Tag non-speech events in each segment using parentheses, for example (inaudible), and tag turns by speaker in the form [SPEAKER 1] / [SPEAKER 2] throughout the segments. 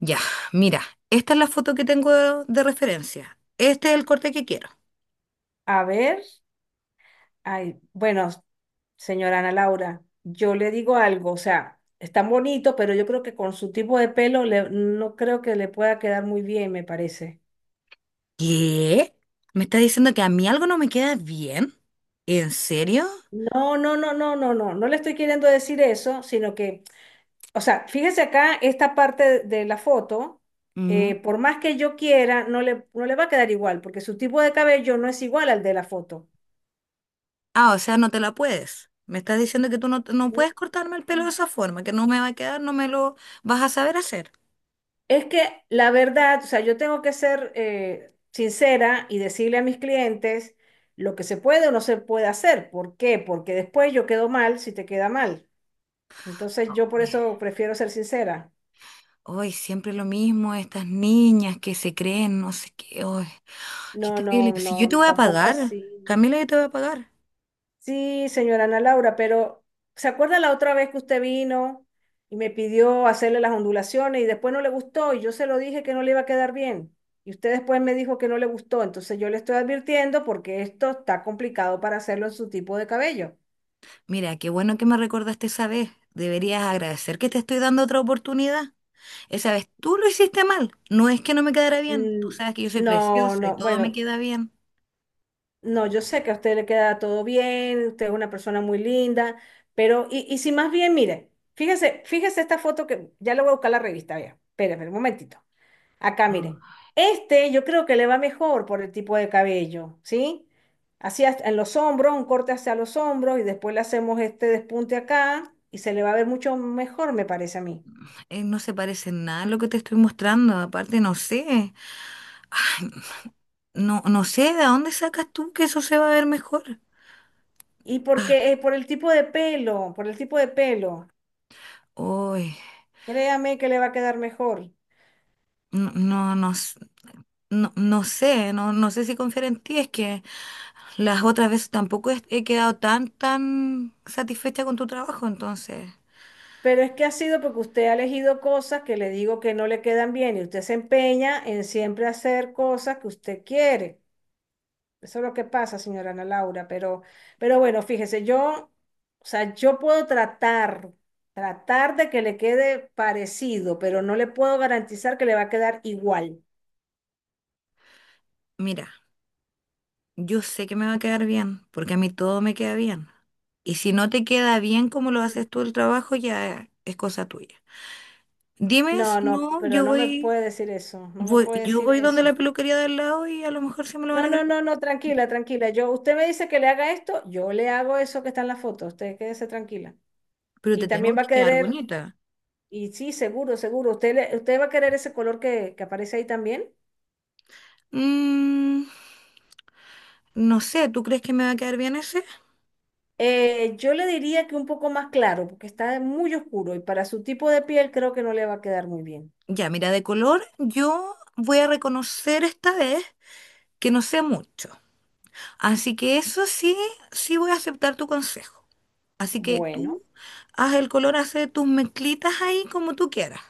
[SPEAKER 1] Ya, mira, esta es la foto que tengo de referencia. Este es el corte que quiero.
[SPEAKER 2] A ver, ay, bueno, señora Ana Laura, yo le digo algo, o sea, es tan bonito, pero yo creo que con su tipo de pelo no creo que le pueda quedar muy bien, me parece.
[SPEAKER 1] ¿Qué? ¿Me está diciendo que a mí algo no me queda bien? ¿En serio?
[SPEAKER 2] No, no, no, no, no, no, no le estoy queriendo decir eso, sino que, o sea, fíjese acá esta parte de la foto,
[SPEAKER 1] Mm.
[SPEAKER 2] por más que yo quiera, no le va a quedar igual, porque su tipo de cabello no es igual al de la foto.
[SPEAKER 1] Ah, o sea, no te la puedes. Me estás diciendo que tú no puedes cortarme el pelo de esa forma, que no me va a quedar, no me lo vas a saber hacer.
[SPEAKER 2] Es que la verdad, o sea, yo tengo que ser sincera y decirle a mis clientes lo que se puede o no se puede hacer. ¿Por qué? Porque después yo quedo mal si te queda mal. Entonces yo por
[SPEAKER 1] Ay,
[SPEAKER 2] eso prefiero ser sincera.
[SPEAKER 1] ay, siempre lo mismo, estas niñas que se creen, no sé qué. Ay, qué
[SPEAKER 2] No, no,
[SPEAKER 1] terrible. Si yo te
[SPEAKER 2] no,
[SPEAKER 1] voy a
[SPEAKER 2] tampoco
[SPEAKER 1] pagar,
[SPEAKER 2] así.
[SPEAKER 1] Camila, yo te voy a pagar.
[SPEAKER 2] Sí, señora Ana Laura, pero ¿se acuerda la otra vez que usted vino y me pidió hacerle las ondulaciones y después no le gustó y yo se lo dije que no le iba a quedar bien? Y usted después me dijo que no le gustó, entonces yo le estoy advirtiendo porque esto está complicado para hacerlo en su tipo de cabello.
[SPEAKER 1] Mira, qué bueno que me recordaste esa vez. Deberías agradecer que te estoy dando otra oportunidad. Esa vez tú lo hiciste mal. No es que no me quedara bien. Tú
[SPEAKER 2] Mm.
[SPEAKER 1] sabes que yo soy
[SPEAKER 2] No,
[SPEAKER 1] preciosa y
[SPEAKER 2] no,
[SPEAKER 1] todo me
[SPEAKER 2] bueno,
[SPEAKER 1] queda bien.
[SPEAKER 2] no, yo sé que a usted le queda todo bien, usted es una persona muy linda, pero y si más bien, mire, fíjese, fíjese esta foto que ya le voy a buscar la revista, vea, espérame un momentito. Acá,
[SPEAKER 1] Mm.
[SPEAKER 2] mire. Este yo creo que le va mejor por el tipo de cabello, ¿sí? Así en los hombros, un corte hacia los hombros y después le hacemos este despunte acá y se le va a ver mucho mejor, me parece a mí.
[SPEAKER 1] No se parece en nada a lo que te estoy mostrando. Aparte, no sé. Ay, no sé de dónde sacas tú que eso se va a ver mejor.
[SPEAKER 2] Y
[SPEAKER 1] Ah,
[SPEAKER 2] porque por el tipo de pelo, por el tipo de pelo,
[SPEAKER 1] uy,
[SPEAKER 2] créame que le va a quedar mejor.
[SPEAKER 1] no, no, no, s- no, no sé si confiar en ti, es que las otras veces tampoco he quedado tan satisfecha con tu trabajo, entonces,
[SPEAKER 2] Pero es que ha sido porque usted ha elegido cosas que le digo que no le quedan bien y usted se empeña en siempre hacer cosas que usted quiere. Eso es lo que pasa, señora Ana Laura, pero bueno, fíjese, yo, o sea, yo puedo tratar, tratar de que le quede parecido, pero no le puedo garantizar que le va a quedar igual.
[SPEAKER 1] mira, yo sé que me va a quedar bien, porque a mí todo me queda bien. Y si no te queda bien como lo
[SPEAKER 2] Mm.
[SPEAKER 1] haces tú el trabajo, ya es cosa tuya. Dime
[SPEAKER 2] No,
[SPEAKER 1] si
[SPEAKER 2] no,
[SPEAKER 1] no,
[SPEAKER 2] pero no me puede decir eso, no me puede
[SPEAKER 1] yo
[SPEAKER 2] decir
[SPEAKER 1] voy donde
[SPEAKER 2] eso.
[SPEAKER 1] la peluquería del lado y a lo mejor sí me lo van a
[SPEAKER 2] No, no,
[SPEAKER 1] creer.
[SPEAKER 2] no, no, tranquila, tranquila. Yo, usted me dice que le haga esto, yo le hago eso que está en la foto, usted quédese tranquila.
[SPEAKER 1] Pero
[SPEAKER 2] Y
[SPEAKER 1] te tengo
[SPEAKER 2] también va a
[SPEAKER 1] que quedar
[SPEAKER 2] querer,
[SPEAKER 1] bonita.
[SPEAKER 2] y sí, seguro, seguro, usted, usted va a querer ese color que aparece ahí también.
[SPEAKER 1] Mm, no sé, ¿tú crees que me va a quedar bien ese?
[SPEAKER 2] Yo le diría que un poco más claro, porque está muy oscuro y para su tipo de piel creo que no le va a quedar muy bien.
[SPEAKER 1] Ya, mira, de color yo voy a reconocer esta vez que no sé mucho. Así que eso sí, sí voy a aceptar tu consejo. Así que
[SPEAKER 2] Bueno,
[SPEAKER 1] tú haz el color, hace tus mezclitas ahí como tú quieras.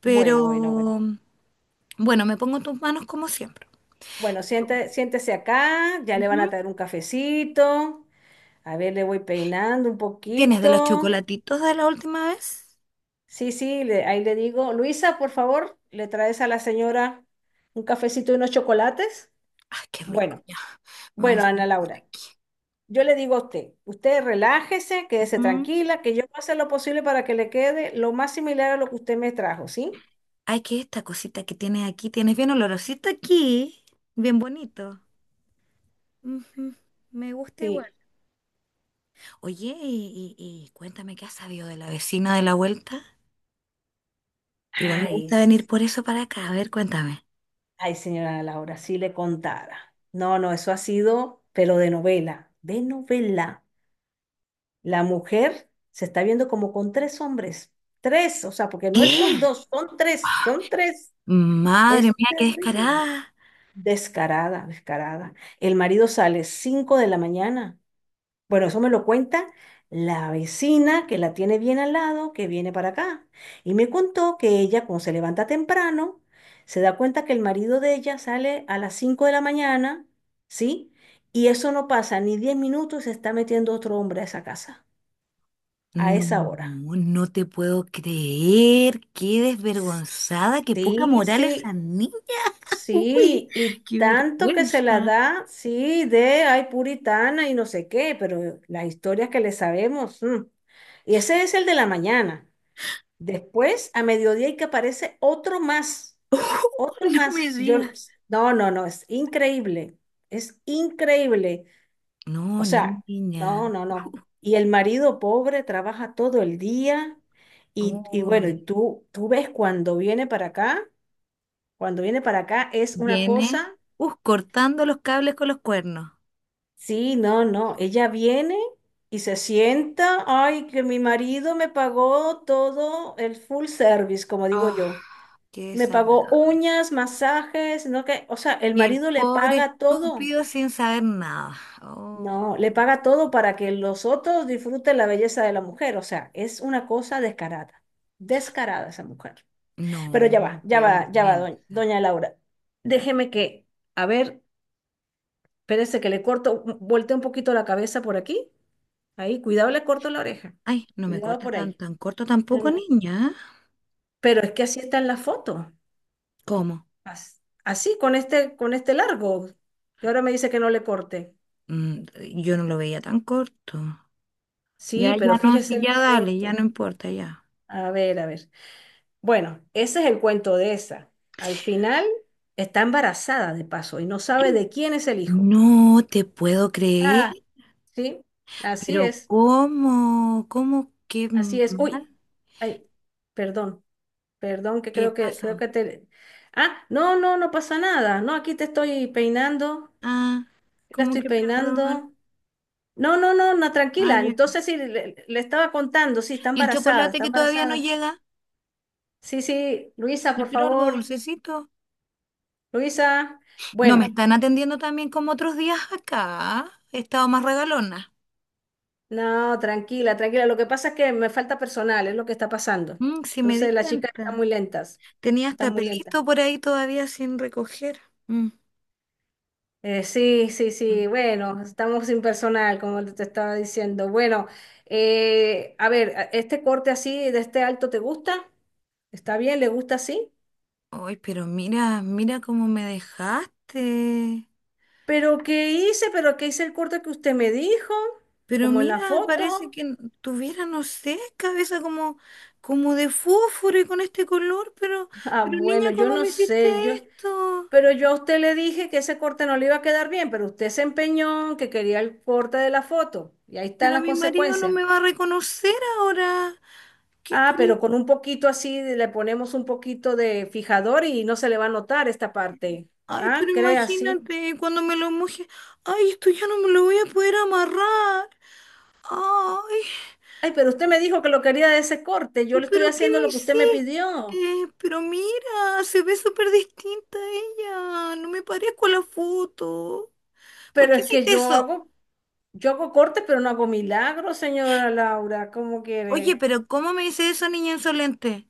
[SPEAKER 1] Pero
[SPEAKER 2] bueno, bueno, bueno.
[SPEAKER 1] bueno, me pongo en tus manos como siempre.
[SPEAKER 2] Bueno,
[SPEAKER 1] Yo,
[SPEAKER 2] siéntese acá, ya le van a
[SPEAKER 1] ujú.
[SPEAKER 2] traer un cafecito. A ver, le voy peinando un
[SPEAKER 1] ¿Tienes de los
[SPEAKER 2] poquito.
[SPEAKER 1] chocolatitos de la última vez?
[SPEAKER 2] Sí, sí, ahí le digo, Luisa, por favor, le traes a la señora un cafecito y unos chocolates.
[SPEAKER 1] Ay, qué rico,
[SPEAKER 2] Bueno,
[SPEAKER 1] ya. Me voy a
[SPEAKER 2] bueno, Ana
[SPEAKER 1] sentar
[SPEAKER 2] Laura.
[SPEAKER 1] aquí.
[SPEAKER 2] Yo le digo a usted, usted relájese, quédese
[SPEAKER 1] Ujú.
[SPEAKER 2] tranquila, que yo voy a hacer lo posible para que le quede lo más similar a lo que usted me trajo, ¿sí?
[SPEAKER 1] Ay, que esta cosita que tienes aquí, tienes bien olorosito aquí, bien bonito. Ujú. Me gusta igual.
[SPEAKER 2] Sí.
[SPEAKER 1] Oye, y cuéntame qué has sabido de la vecina de la vuelta. Igual me
[SPEAKER 2] Ay,
[SPEAKER 1] gusta
[SPEAKER 2] s-
[SPEAKER 1] venir por eso para acá. A ver, cuéntame.
[SPEAKER 2] ay, señora Laura, si le contara. No, no, eso ha sido, pero de novela, de novela. La mujer se está viendo como con tres hombres, tres, o sea, porque no es-
[SPEAKER 1] ¿Qué?
[SPEAKER 2] son dos, son tres, son tres.
[SPEAKER 1] Madre
[SPEAKER 2] Es
[SPEAKER 1] mía, qué
[SPEAKER 2] terrible.
[SPEAKER 1] descarada.
[SPEAKER 2] Descarada, descarada. El marido sale 5 de la mañana. Bueno, eso me lo cuenta la vecina que la tiene bien al lado, que viene para acá. Y me contó que ella, cuando se levanta temprano, se da cuenta que el marido de ella sale a las 5 de la mañana, ¿sí? Y eso no pasa ni 10 minutos y se está metiendo otro hombre a esa casa, a esa
[SPEAKER 1] No,
[SPEAKER 2] hora.
[SPEAKER 1] no te puedo creer. Qué desvergonzada, qué poca
[SPEAKER 2] Sí,
[SPEAKER 1] moral esa
[SPEAKER 2] sí,
[SPEAKER 1] niña. (laughs) Uy,
[SPEAKER 2] sí. Y
[SPEAKER 1] qué
[SPEAKER 2] tanto que se la
[SPEAKER 1] vergüenza.
[SPEAKER 2] da, sí, de ay puritana y no sé qué, pero las historias que le sabemos. Mm. Y ese es el de la mañana. Después, a mediodía, y que aparece otro más,
[SPEAKER 1] (laughs)
[SPEAKER 2] otro
[SPEAKER 1] No
[SPEAKER 2] más.
[SPEAKER 1] me
[SPEAKER 2] Si yo,
[SPEAKER 1] digas.
[SPEAKER 2] no, no, no, es increíble, es increíble.
[SPEAKER 1] No,
[SPEAKER 2] O sea, no,
[SPEAKER 1] niña.
[SPEAKER 2] no, no. Y el marido pobre trabaja todo el día y bueno,
[SPEAKER 1] Uy,
[SPEAKER 2] y tú ves cuando viene para acá, cuando viene para acá es una
[SPEAKER 1] viene,
[SPEAKER 2] cosa,
[SPEAKER 1] cortando los cables con los cuernos.
[SPEAKER 2] sí, no, no, ella viene y se sienta, ay, que mi marido me pagó todo el full service, como digo
[SPEAKER 1] Ah,
[SPEAKER 2] yo.
[SPEAKER 1] qué
[SPEAKER 2] Me pagó
[SPEAKER 1] desagradable.
[SPEAKER 2] uñas, masajes, no que, o sea, el
[SPEAKER 1] Y el
[SPEAKER 2] marido le
[SPEAKER 1] pobre
[SPEAKER 2] paga todo.
[SPEAKER 1] estúpido sin saber nada. Oh,
[SPEAKER 2] No, le paga todo para que los otros disfruten la belleza de la mujer. O sea, es una cosa descarada. Descarada esa mujer. Pero
[SPEAKER 1] no,
[SPEAKER 2] ya va, ya
[SPEAKER 1] qué
[SPEAKER 2] va, ya va, doña,
[SPEAKER 1] vergüenza.
[SPEAKER 2] doña Laura. Déjeme que, a ver, espérese que le corto, volteo un poquito la cabeza por aquí. Ahí, cuidado, le corto la oreja.
[SPEAKER 1] Ay, no me
[SPEAKER 2] Cuidado
[SPEAKER 1] cortes
[SPEAKER 2] por ahí.
[SPEAKER 1] tan corto
[SPEAKER 2] No,
[SPEAKER 1] tampoco,
[SPEAKER 2] no.
[SPEAKER 1] niña.
[SPEAKER 2] Pero es que así está en la foto.
[SPEAKER 1] ¿Cómo?
[SPEAKER 2] Así, con este largo. Y ahora me dice que no le corte.
[SPEAKER 1] Mm, yo no lo veía tan corto.
[SPEAKER 2] Sí,
[SPEAKER 1] Ya,
[SPEAKER 2] pero
[SPEAKER 1] ya no,
[SPEAKER 2] fíjese
[SPEAKER 1] sí,
[SPEAKER 2] en la
[SPEAKER 1] ya dale, ya
[SPEAKER 2] foto.
[SPEAKER 1] no importa, ya.
[SPEAKER 2] A ver, a ver. Bueno, ese es el cuento de esa. Al final está embarazada de paso y no sabe
[SPEAKER 1] (gasps)
[SPEAKER 2] de quién es el hijo.
[SPEAKER 1] No te puedo creer,
[SPEAKER 2] Ah, sí, así
[SPEAKER 1] pero
[SPEAKER 2] es,
[SPEAKER 1] ¿cómo? ¿Cómo? ¿Qué
[SPEAKER 2] así es. Uy,
[SPEAKER 1] mal?
[SPEAKER 2] ay, perdón, perdón, que
[SPEAKER 1] ¿Qué
[SPEAKER 2] creo que creo
[SPEAKER 1] pasó?
[SPEAKER 2] que te. Ah, no, no, no pasa nada. No, aquí te estoy peinando,
[SPEAKER 1] Ah,
[SPEAKER 2] la
[SPEAKER 1] ¿cómo
[SPEAKER 2] estoy
[SPEAKER 1] que perdón?
[SPEAKER 2] peinando. No, no, no, no,
[SPEAKER 1] Ah,
[SPEAKER 2] tranquila.
[SPEAKER 1] ya.
[SPEAKER 2] Entonces sí, le estaba contando, sí, está
[SPEAKER 1] ¿Y el
[SPEAKER 2] embarazada,
[SPEAKER 1] chocolate
[SPEAKER 2] está
[SPEAKER 1] que todavía no
[SPEAKER 2] embarazada.
[SPEAKER 1] llega?
[SPEAKER 2] Sí, sí, Luisa,
[SPEAKER 1] Yo
[SPEAKER 2] por
[SPEAKER 1] quiero algo
[SPEAKER 2] favor.
[SPEAKER 1] dulcecito.
[SPEAKER 2] Luisa,
[SPEAKER 1] No me
[SPEAKER 2] bueno,
[SPEAKER 1] están atendiendo también como otros días acá. He estado más regalona.
[SPEAKER 2] no, tranquila, tranquila. Lo que pasa es que me falta personal, es lo que está pasando.
[SPEAKER 1] Mm, sí me di
[SPEAKER 2] Entonces, las chicas están
[SPEAKER 1] cuenta.
[SPEAKER 2] muy lentas,
[SPEAKER 1] Tenía
[SPEAKER 2] están
[SPEAKER 1] hasta
[SPEAKER 2] muy lentas.
[SPEAKER 1] pelito por ahí todavía sin recoger. Mm.
[SPEAKER 2] Sí, sí,
[SPEAKER 1] Mm.
[SPEAKER 2] sí, bueno, estamos sin personal, como te estaba diciendo. Bueno, a ver, este corte así, de este alto, ¿te gusta? Está bien, le gusta así.
[SPEAKER 1] Ay, pero mira, mira cómo me dejaste.
[SPEAKER 2] Pero ¿qué hice? Pero ¿qué hice el corte que usted me dijo?
[SPEAKER 1] Pero
[SPEAKER 2] Como en
[SPEAKER 1] mira,
[SPEAKER 2] la
[SPEAKER 1] parece
[SPEAKER 2] foto.
[SPEAKER 1] que tuviera, no sé, cabeza como, como de fósforo y con este color,
[SPEAKER 2] (laughs) Ah,
[SPEAKER 1] pero niña,
[SPEAKER 2] bueno, yo
[SPEAKER 1] ¿cómo
[SPEAKER 2] no
[SPEAKER 1] me hiciste
[SPEAKER 2] sé, yo.
[SPEAKER 1] esto?
[SPEAKER 2] Pero yo a usted le dije que ese corte no le iba a quedar bien, pero usted se empeñó en que quería el corte de la foto. Y ahí están
[SPEAKER 1] Pero
[SPEAKER 2] las
[SPEAKER 1] mi marido no
[SPEAKER 2] consecuencias.
[SPEAKER 1] me va a reconocer ahora. ¿Qué?
[SPEAKER 2] Ah,
[SPEAKER 1] Pero,
[SPEAKER 2] pero con un poquito así le ponemos un poquito de fijador y no se le va a notar esta parte.
[SPEAKER 1] ay, pero
[SPEAKER 2] Ah, cree así.
[SPEAKER 1] imagínate, cuando me lo moje, ay, esto ya no me lo voy a poder amarrar. Ay.
[SPEAKER 2] Ay, pero usted me dijo que lo quería de ese corte. Yo le estoy
[SPEAKER 1] ¿Pero qué
[SPEAKER 2] haciendo
[SPEAKER 1] me
[SPEAKER 2] lo que usted me pidió.
[SPEAKER 1] hiciste? Pero mira, se ve súper distinta ella. No me parezco a la foto. ¿Por
[SPEAKER 2] Pero
[SPEAKER 1] qué
[SPEAKER 2] es que
[SPEAKER 1] hiciste
[SPEAKER 2] yo
[SPEAKER 1] eso?
[SPEAKER 2] hago, yo hago cortes, pero no hago milagros, señora Laura. ¿Cómo
[SPEAKER 1] Oye,
[SPEAKER 2] quiere?
[SPEAKER 1] pero ¿cómo me dice eso, niña insolente?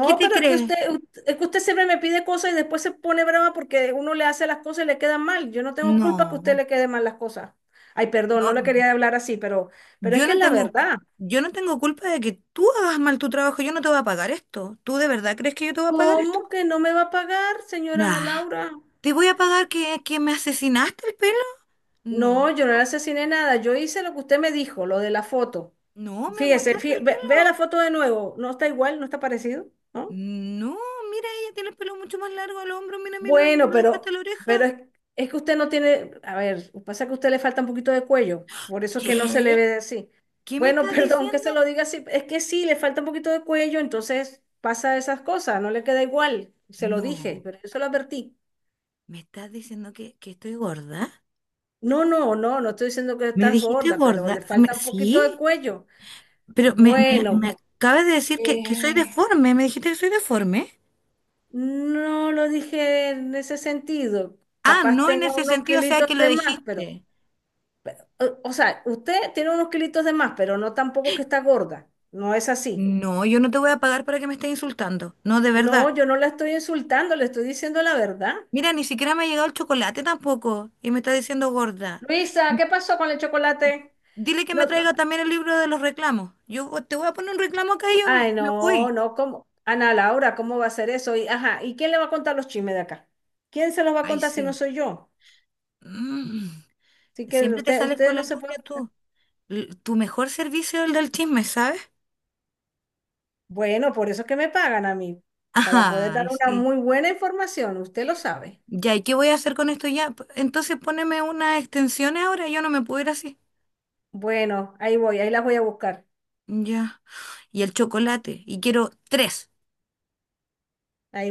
[SPEAKER 1] ¿Qué te
[SPEAKER 2] pero es que
[SPEAKER 1] crees?
[SPEAKER 2] usted, es que usted siempre me pide cosas y después se pone brava porque uno le hace las cosas y le quedan mal. Yo no tengo culpa que a usted
[SPEAKER 1] No,
[SPEAKER 2] le quede mal las cosas. Ay, perdón, no le
[SPEAKER 1] no,
[SPEAKER 2] quería hablar así, pero es
[SPEAKER 1] yo
[SPEAKER 2] que
[SPEAKER 1] no
[SPEAKER 2] es la
[SPEAKER 1] tengo,
[SPEAKER 2] verdad.
[SPEAKER 1] yo no tengo culpa de que tú hagas mal tu trabajo. Yo no te voy a pagar esto. ¿Tú de verdad crees que yo te voy a pagar esto?
[SPEAKER 2] ¿Cómo que no me va a pagar, señora Ana
[SPEAKER 1] Nah,
[SPEAKER 2] Laura?
[SPEAKER 1] ¿te voy a pagar que me asesinaste el pelo? No,
[SPEAKER 2] No, yo no le asesiné nada. Yo hice lo que usted me dijo, lo de la foto.
[SPEAKER 1] no, me
[SPEAKER 2] Fíjese,
[SPEAKER 1] mostraste el
[SPEAKER 2] vea la
[SPEAKER 1] pelo.
[SPEAKER 2] foto de nuevo. No está igual, no está parecido, ¿no?
[SPEAKER 1] No, mira, ella tiene el pelo mucho más largo al hombro, mira, me
[SPEAKER 2] Bueno,
[SPEAKER 1] lo deja hasta
[SPEAKER 2] pero,
[SPEAKER 1] la
[SPEAKER 2] pero
[SPEAKER 1] oreja.
[SPEAKER 2] es, es que usted no tiene, a ver, pasa que a usted le falta un poquito de cuello, por eso es que no se le
[SPEAKER 1] ¿Qué?
[SPEAKER 2] ve así.
[SPEAKER 1] ¿Qué me
[SPEAKER 2] Bueno, (laughs)
[SPEAKER 1] estás
[SPEAKER 2] perdón que
[SPEAKER 1] diciendo?
[SPEAKER 2] se lo diga así, es que sí, le falta un poquito de cuello, entonces pasa esas cosas, no le queda igual, se lo dije,
[SPEAKER 1] No,
[SPEAKER 2] pero yo se lo advertí.
[SPEAKER 1] ¿me estás diciendo que estoy gorda?
[SPEAKER 2] No, no, no, no estoy diciendo que
[SPEAKER 1] ¿Me
[SPEAKER 2] estás
[SPEAKER 1] dijiste
[SPEAKER 2] gorda, pero
[SPEAKER 1] gorda?
[SPEAKER 2] le falta un poquito de
[SPEAKER 1] Sí,
[SPEAKER 2] cuello.
[SPEAKER 1] pero me
[SPEAKER 2] Bueno,
[SPEAKER 1] acabas de decir que soy
[SPEAKER 2] eh,
[SPEAKER 1] deforme, me dijiste que soy deforme.
[SPEAKER 2] no lo dije en ese sentido,
[SPEAKER 1] Ah,
[SPEAKER 2] capaz
[SPEAKER 1] no en
[SPEAKER 2] tenga
[SPEAKER 1] ese
[SPEAKER 2] unos
[SPEAKER 1] sentido, o sea que
[SPEAKER 2] kilitos
[SPEAKER 1] lo
[SPEAKER 2] de más, pero...
[SPEAKER 1] dijiste.
[SPEAKER 2] O sea, usted tiene unos kilitos de más, pero no tampoco que está gorda. No es así.
[SPEAKER 1] No, yo no te voy a pagar para que me estés insultando. No, de verdad.
[SPEAKER 2] No, yo no la estoy insultando, le estoy diciendo la verdad.
[SPEAKER 1] Mira, ni siquiera me ha llegado el chocolate tampoco y me estás diciendo gorda.
[SPEAKER 2] Luisa, ¿qué pasó con el chocolate?
[SPEAKER 1] Dile que
[SPEAKER 2] No,
[SPEAKER 1] me traiga también el libro de los reclamos. Te voy a poner un reclamo acá y yo
[SPEAKER 2] ay,
[SPEAKER 1] me
[SPEAKER 2] no,
[SPEAKER 1] voy.
[SPEAKER 2] no, ¿cómo? Ana Laura, ¿cómo va a ser eso? Y, ajá, ¿y quién le va a contar los chismes de acá? ¿Quién se los va a
[SPEAKER 1] Ay,
[SPEAKER 2] contar si no
[SPEAKER 1] sí.
[SPEAKER 2] soy yo?
[SPEAKER 1] Mm.
[SPEAKER 2] Así que
[SPEAKER 1] Siempre te
[SPEAKER 2] usted,
[SPEAKER 1] sales
[SPEAKER 2] ustedes
[SPEAKER 1] con la
[SPEAKER 2] no se puede.
[SPEAKER 1] tuya tú. Tu mejor servicio es el del chisme, ¿sabes?
[SPEAKER 2] Bueno, por eso es que me pagan a mí, para poder dar
[SPEAKER 1] Ay,
[SPEAKER 2] una
[SPEAKER 1] sí.
[SPEAKER 2] muy buena información, usted lo sabe.
[SPEAKER 1] Ya, ¿y qué voy a hacer con esto ya? Entonces poneme unas extensiones ahora, yo no me puedo ir así.
[SPEAKER 2] Bueno, ahí voy, ahí las voy a buscar.
[SPEAKER 1] Ya. Y el chocolate. Y quiero tres.
[SPEAKER 2] Ahí